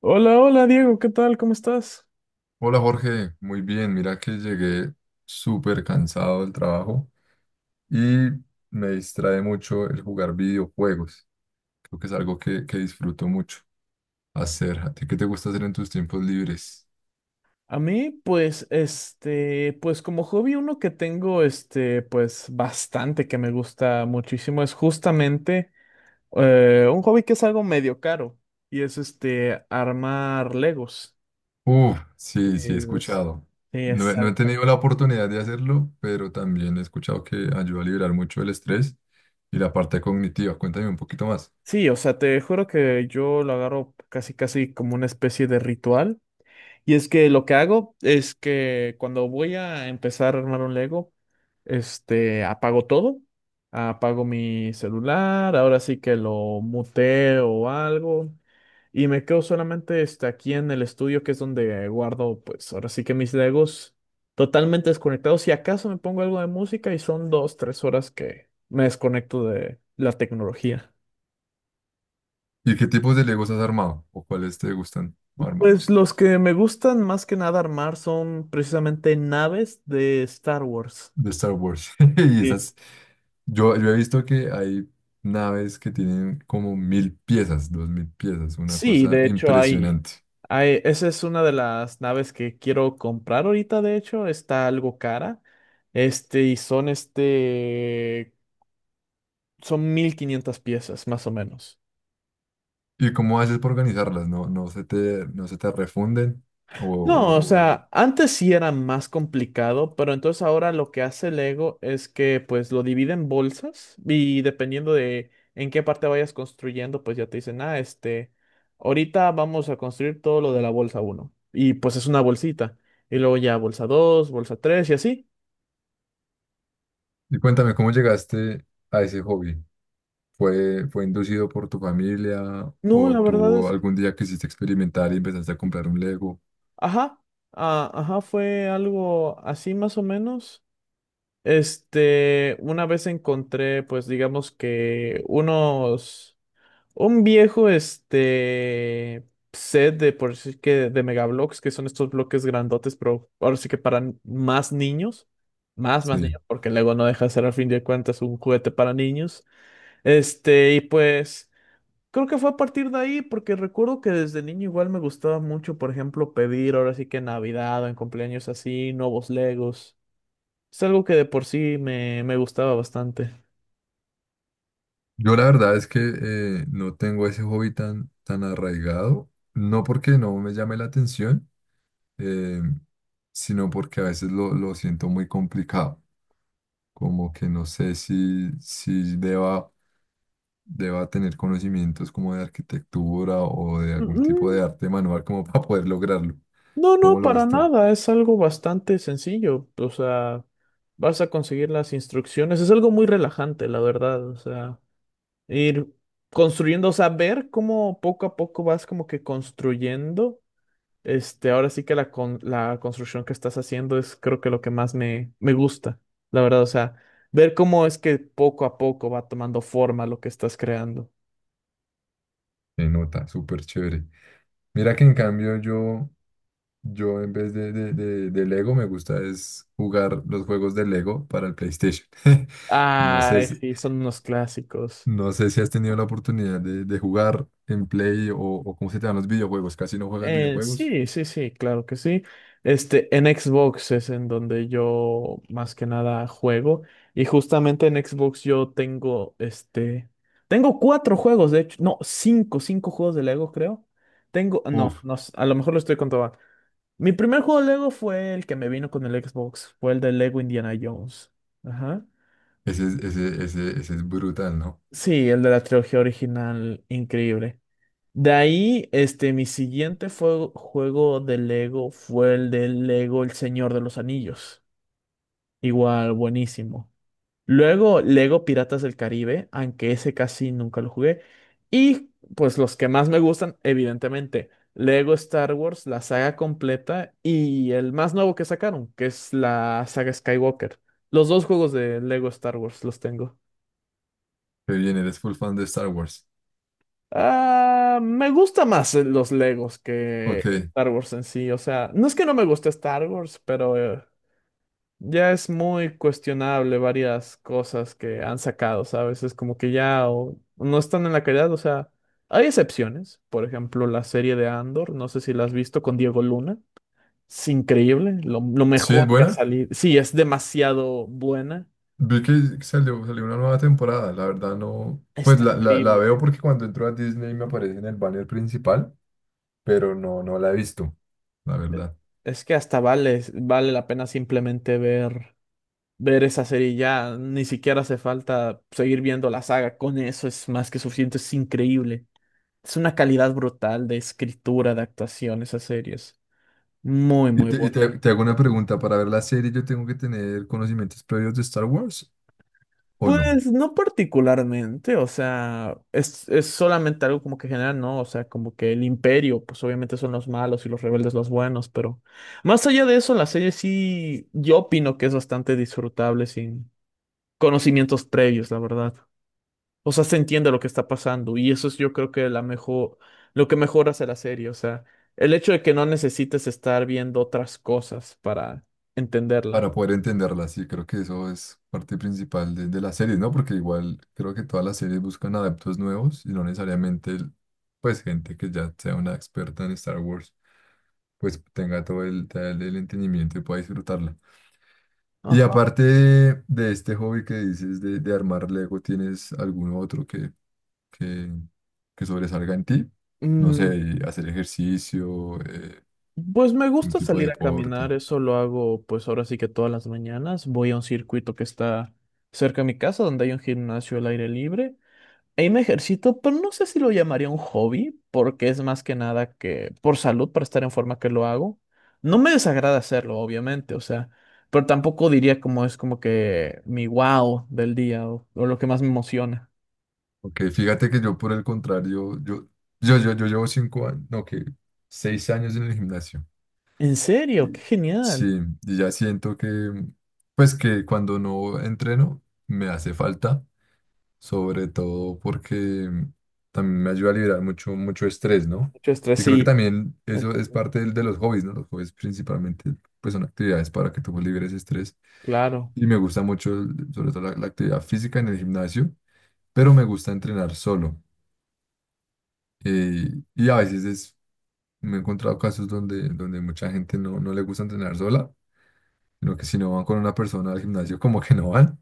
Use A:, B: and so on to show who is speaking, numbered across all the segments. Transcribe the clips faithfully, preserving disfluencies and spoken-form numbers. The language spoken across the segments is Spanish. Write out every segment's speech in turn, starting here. A: Hola, hola Diego, ¿qué tal? ¿Cómo estás?
B: Hola Jorge, muy bien. Mira que llegué súper cansado del trabajo y me distrae mucho el jugar videojuegos. Creo que es algo que, que disfruto mucho hacer. ¿A ti qué te gusta hacer en tus tiempos libres?
A: A mí, pues, este, pues como hobby uno que tengo, este, pues bastante que me gusta muchísimo es justamente eh, un hobby que es algo medio caro y es este, armar Legos.
B: Uf, sí,
A: Eh,
B: sí, he
A: los-
B: escuchado.
A: Sí,
B: No,
A: es
B: he no he
A: algo que-
B: tenido la oportunidad de hacerlo, pero también he escuchado que ayuda a liberar mucho el estrés y la parte cognitiva. Cuéntame un poquito más.
A: Sí, o sea, te juro que yo lo agarro casi casi como una especie de ritual. Y es que lo que hago es que cuando voy a empezar a armar un Lego, este, apago todo, apago mi celular, ahora sí que lo muteo o algo, y me quedo solamente este, aquí en el estudio, que es donde guardo, pues ahora sí que mis Legos totalmente desconectados. Si acaso me pongo algo de música y son dos, tres horas que me desconecto de la tecnología.
B: ¿Y qué tipos de Legos has armado o cuáles te gustan armar?
A: Pues los que me gustan más que nada armar son precisamente naves de Star Wars.
B: De Star Wars. Y
A: Y
B: esas, yo, yo he visto que hay naves que tienen como mil piezas, dos mil piezas, una
A: sí,
B: cosa
A: de hecho hay,
B: impresionante.
A: hay, esa es una de las naves que quiero comprar ahorita, de hecho, está algo cara. Este, y son este, son mil quinientas piezas, más o menos.
B: ¿Y cómo haces para organizarlas? ¿No, no se te, no se te refunden? O,
A: No, o
B: o- o-
A: sea, antes sí era más complicado, pero entonces ahora lo que hace Lego es que pues lo divide en bolsas y dependiendo de en qué parte vayas construyendo, pues ya te dicen, ah, este, ahorita vamos a construir todo lo de la bolsa uno y pues es una bolsita. Y luego ya bolsa dos, bolsa tres y así.
B: Y cuéntame, ¿cómo llegaste a ese hobby? ¿Fue, fue inducido por tu familia
A: No,
B: o
A: la verdad
B: tú
A: es,
B: algún día quisiste experimentar y empezaste a comprar un Lego?
A: ajá, ah, ajá, fue algo así más o menos. Este, una vez encontré, pues digamos que unos... Un viejo, este, set de por sí que de megablocks, que son estos bloques grandotes, pero ahora sí que para n- más niños, más, más
B: Sí.
A: niños, porque Lego no deja de ser al fin de cuentas un juguete para niños. Este, y pues creo que fue a partir de ahí, porque recuerdo que desde niño igual me gustaba mucho, por ejemplo, pedir ahora sí que en Navidad o en cumpleaños así, nuevos Legos. Es algo que de por sí me, me gustaba bastante.
B: Yo la verdad es que eh, no tengo ese hobby tan, tan arraigado, no porque no me llame la atención, eh, sino porque a veces lo, lo siento muy complicado, como que no sé si, si deba, deba tener conocimientos como de arquitectura o de algún tipo de arte manual como para poder lograrlo.
A: No, no,
B: ¿Cómo lo
A: para
B: ves tú?
A: nada, es algo bastante sencillo, o sea, vas a conseguir las instrucciones, es algo muy relajante, la verdad, o sea, ir construyendo, o sea, ver cómo poco a poco vas como que construyendo, este, ahora sí que la, con- la construcción que estás haciendo es creo que lo que más me, me gusta, la verdad, o sea, ver cómo es que poco a poco va tomando forma lo que estás creando.
B: Se nota, súper chévere. Mira que en cambio yo yo en vez de, de, de- de Lego me gusta es jugar los juegos de Lego para el PlayStation. No sé,
A: Ay,
B: si-
A: sí, son unos clásicos.
B: no sé si has tenido la oportunidad de, de jugar en Play o, o cómo se te dan los videojuegos. Casi no juegas
A: Eh,
B: videojuegos.
A: sí, sí, sí, claro que sí. Este, en Xbox es en donde yo más que nada juego. Y justamente en Xbox yo tengo, este, tengo cuatro juegos, de hecho, no, cinco, cinco juegos de Lego, creo. Tengo, no,
B: Uf,
A: no, s- a lo mejor lo estoy contando mal. Mi primer juego de Lego fue el que me vino con el Xbox, fue el de Lego Indiana Jones. Ajá.
B: ese, es- ese, ese, ese es brutal, ¿no?
A: Sí, el de la trilogía original, increíble. De ahí, este, mi siguiente fue- juego de Lego fue el de Lego El Señor de los Anillos. Igual, buenísimo. Luego, Lego Piratas del Caribe, aunque ese casi nunca lo jugué. Y pues los que más me gustan, evidentemente, Lego Star Wars, la saga completa y el más nuevo que sacaron, que es la saga Skywalker. Los dos juegos de Lego Star Wars los tengo.
B: Qué bien, eres full fan de Star Wars.
A: Ah, me gusta más eh, los Legos que
B: Ok.
A: Star Wars en sí. O sea, no es que no me guste Star Wars, pero eh, ya es muy cuestionable varias cosas que han sacado, ¿sabes? Es como que ya o no están en la calidad. O sea, hay excepciones. Por ejemplo, la serie de Andor, no sé si la has visto con Diego Luna. Es increíble, lo, lo
B: Sí,
A: mejor
B: es
A: que ha
B: buena.
A: salido. Sí, es demasiado buena.
B: Vi que salió, salió una nueva temporada. La verdad no. Pues
A: Está
B: la, la, la
A: increíble.
B: veo porque cuando entro a Disney me aparece en el banner principal, pero no, no la he visto, la verdad.
A: Es que hasta vale, vale la pena simplemente ver. Ver esa serie ya, ni siquiera hace falta seguir viendo la saga, con eso es más que suficiente, es increíble. Es una calidad brutal de escritura, de actuación, esas series. Muy,
B: Y
A: muy
B: te, y
A: buena.
B: te- te hago una pregunta, ¿para ver la serie yo tengo que tener conocimientos previos de Star Wars o no?
A: Pues no particularmente, o sea, es, es solamente algo como que general, ¿no? O sea, como que el imperio, pues obviamente son los malos y los rebeldes los buenos, pero más allá de eso, la serie sí, yo opino que es bastante disfrutable sin conocimientos previos, la verdad. O sea, se entiende lo que está pasando y eso es yo creo que la mejor, lo que mejor hace la serie, o sea, el hecho de que no necesites estar viendo otras cosas para entenderla.
B: Para poder entenderla, sí, creo que eso es parte principal de, de las series, ¿no? Porque igual creo que todas las series buscan adeptos nuevos y no necesariamente, el- pues, gente que ya sea una experta en Star Wars, pues tenga todo el, todo el el entendimiento y pueda disfrutarla. Y
A: Ajá.
B: aparte de, de este hobby que dices de, de armar Lego, ¿tienes algún otro que, que, que sobresalga en ti? No
A: Mm,
B: sé, y hacer ejercicio, eh,
A: pues me
B: un
A: gusta
B: tipo de
A: salir a
B: deporte.
A: caminar, eso lo hago pues ahora sí que todas las mañanas, voy a un circuito que está cerca de mi casa donde hay un gimnasio al aire libre. Ahí me ejercito, pero no sé si lo llamaría un hobby, porque es más que nada que por salud, para estar en forma que lo hago. No me desagrada hacerlo, obviamente, o sea, pero tampoco diría como es como que mi wow del día o, o lo que más me emociona.
B: Ok, fíjate que yo por el contrario, yo, yo, yo, yo llevo cinco años, no, que seis años en el gimnasio.
A: En serio,
B: Y-
A: qué
B: Sí,
A: genial.
B: y ya siento que, pues que cuando no entreno, me hace falta. Sobre todo porque también me ayuda a liberar mucho, mucho estrés, ¿no?
A: Mucho estrés,
B: Y creo que
A: sí.
B: también eso
A: Eso,
B: es parte del- de, los hobbies, ¿no? Los hobbies principalmente pues son actividades para que tú liberes estrés
A: claro,
B: y me gusta mucho el- sobre todo la, la actividad física en el gimnasio, pero me gusta entrenar solo. Eh, y a veces es, me he encontrado casos donde, donde mucha gente no, no le gusta entrenar sola, sino que si no van con una persona al gimnasio como que no van.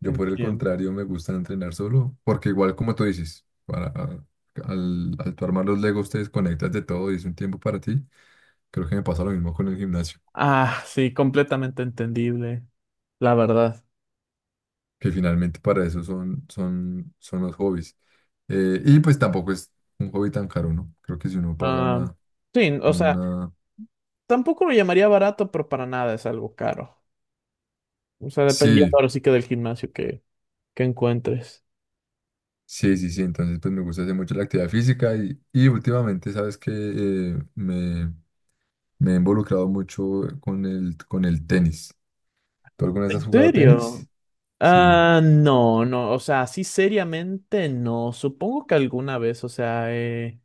B: Yo por el
A: entiendo.
B: contrario me gusta entrenar solo, porque igual como tú dices, para, ah, al, al tú armar los Legos te desconectas de todo y es un tiempo para ti. Creo que me pasa lo mismo con el gimnasio,
A: Ah, sí, completamente entendible, la verdad.
B: que finalmente para eso son, son, son los hobbies. Eh, y pues tampoco es un hobby tan caro, ¿no? Creo que si uno paga
A: Ah,
B: una,
A: sí, o sea,
B: una...
A: tampoco lo llamaría barato, pero para nada es algo caro. O sea, dependiendo
B: Sí,
A: ahora sí que del gimnasio que, que encuentres.
B: sí, sí, sí, entonces pues me gusta hacer mucho la actividad física y, y últimamente sabes que eh, me, me he involucrado mucho con el, con el tenis. ¿Tú alguna vez
A: ¿En
B: has jugado
A: serio?
B: tenis? Sí,
A: Ah, no, no, o sea, así seriamente no. Supongo que alguna vez, o sea, he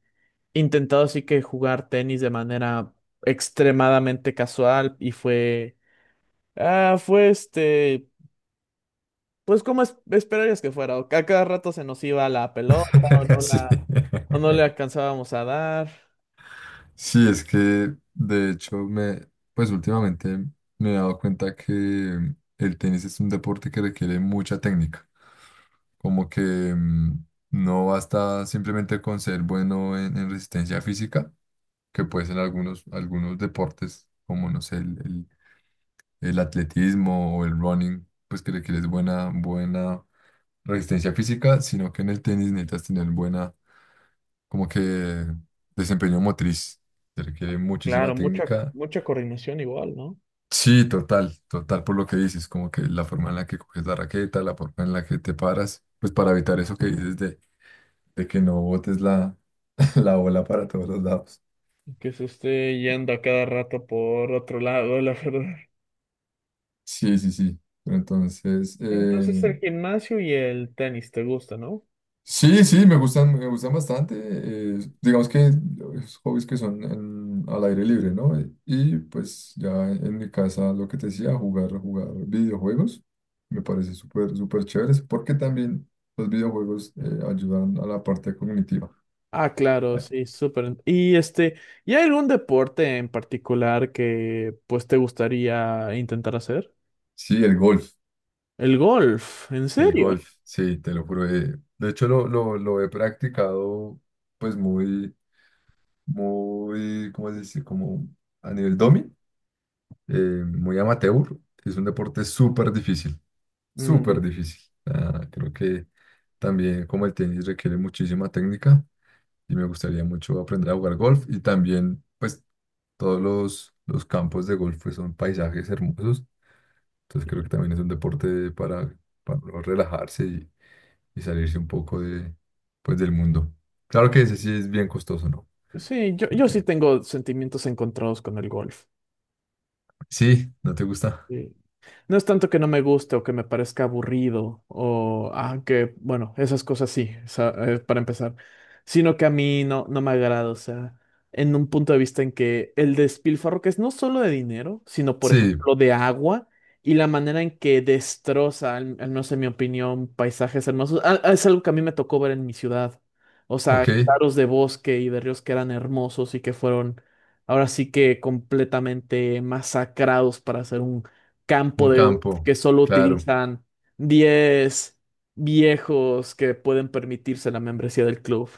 A: intentado así que jugar tenis de manera extremadamente casual y fue, ah, fue este, pues como es- esperarías que fuera, o que a cada rato se nos iba la pelota o no
B: sí.
A: la, o no le alcanzábamos a dar.
B: Sí, es que de hecho me, pues últimamente me he dado cuenta que el tenis es un deporte que requiere mucha técnica. Como que mm, no basta simplemente con ser bueno en, en resistencia física, que puede ser algunos, algunos deportes, como no sé, el, el- el atletismo o el running, pues que requieres buena, buena resistencia física, sino que en el tenis necesitas tener buena como que desempeño motriz, se requiere
A: Claro,
B: muchísima
A: mucha,
B: técnica.
A: mucha coordinación igual, ¿no?
B: Sí, total, total por lo que dices, como que la forma en la que coges la raqueta, la forma en la que te paras, pues para evitar eso que dices de, de que no botes la, la bola para todos los lados.
A: Que se esté yendo a cada rato por otro lado, la verdad.
B: Sí, sí, sí. Pero entonces,
A: Entonces
B: eh,
A: el gimnasio y el tenis te gusta, ¿no?
B: sí, sí, me gustan, me gustan bastante. Eh, digamos que los hobbies que son en- al aire libre, ¿no? Eh, Y pues ya en mi casa, lo que te decía, jugar, jugar videojuegos, me parece súper, súper chéveres, porque también los videojuegos eh, ayudan a la parte cognitiva.
A: Ah, claro,
B: Ay,
A: sí, súper. Y este, ¿y hay algún deporte en particular que pues te gustaría intentar hacer?
B: sí, el golf,
A: El golf, ¿en
B: el
A: serio?
B: golf, sí, te lo juro. Eh, de hecho, lo, lo, lo he practicado pues muy, muy, ¿cómo se dice? Como a nivel domi. eh, Muy amateur. Es un deporte súper difícil,
A: Mm,
B: súper difícil. Ah, creo que también como el tenis requiere muchísima técnica y me gustaría mucho aprender a jugar golf y también pues todos los, los campos de golf pues, son paisajes hermosos. Entonces creo
A: y-
B: que también es un deporte para, para uno relajarse y, y salirse un poco de, pues, del mundo. Claro que ese sí es bien costoso, ¿no?
A: sí, yo,
B: Creo
A: yo
B: que
A: sí tengo sentimientos encontrados con el golf.
B: sí, ¿no te gusta?
A: No es tanto que no me guste o que me parezca aburrido o ah, que, bueno, esas cosas sí, esa- eh, para empezar, sino que a mí no, no me agrada, o sea, en un punto de vista en que el despilfarro que es no solo de dinero, sino por
B: Sí,
A: ejemplo de agua y la manera en que destroza, al, al menos en mi opinión, paisajes hermosos. Ah, ah, es algo que a mí me tocó ver en mi ciudad, o
B: ok,
A: sea, claros de bosque y de ríos que eran hermosos y que fueron ahora sí que completamente masacrados para hacer un campo
B: un
A: de
B: campo,
A: que solo
B: claro,
A: utilizan diez viejos que pueden permitirse la membresía del club.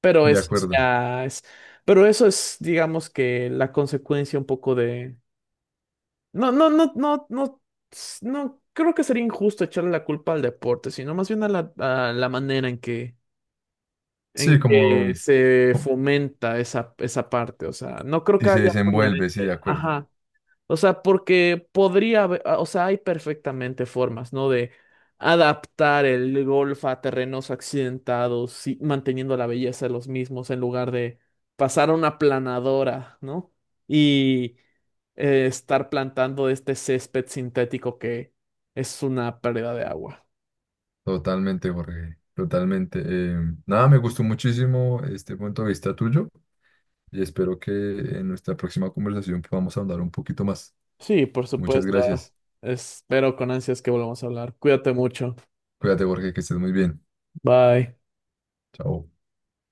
A: Pero
B: de
A: eso
B: acuerdo.
A: ya es, pero eso es, digamos que la consecuencia un poco de... No, no, no, no, no, s- no, creo que sería injusto echarle la culpa al deporte, sino más bien a la, a la manera en que,
B: Sí,
A: en que
B: como
A: se
B: co-
A: fomenta esa, esa parte. O sea, no creo que
B: y se
A: haya algo
B: desenvuelve, sí, de
A: inherente.
B: acuerdo.
A: Ajá. O sea, porque podría haber, ah, o sea, hay perfectamente formas, ¿no? De adaptar el golf a terrenos accidentados y manteniendo la belleza de los mismos en lugar de pasar a una planadora, ¿no? Y eh, estar plantando este césped sintético que es una pérdida de agua.
B: Totalmente, Jorge. Totalmente. Eh, nada, me gustó muchísimo este punto de vista tuyo y espero que en nuestra próxima conversación podamos ahondar un poquito más.
A: Sí, por
B: Muchas
A: supuesto.
B: gracias.
A: Espero con ansias que volvamos a hablar. Cuídate mucho.
B: Cuídate, Jorge, que estés muy bien.
A: Bye.
B: Chao.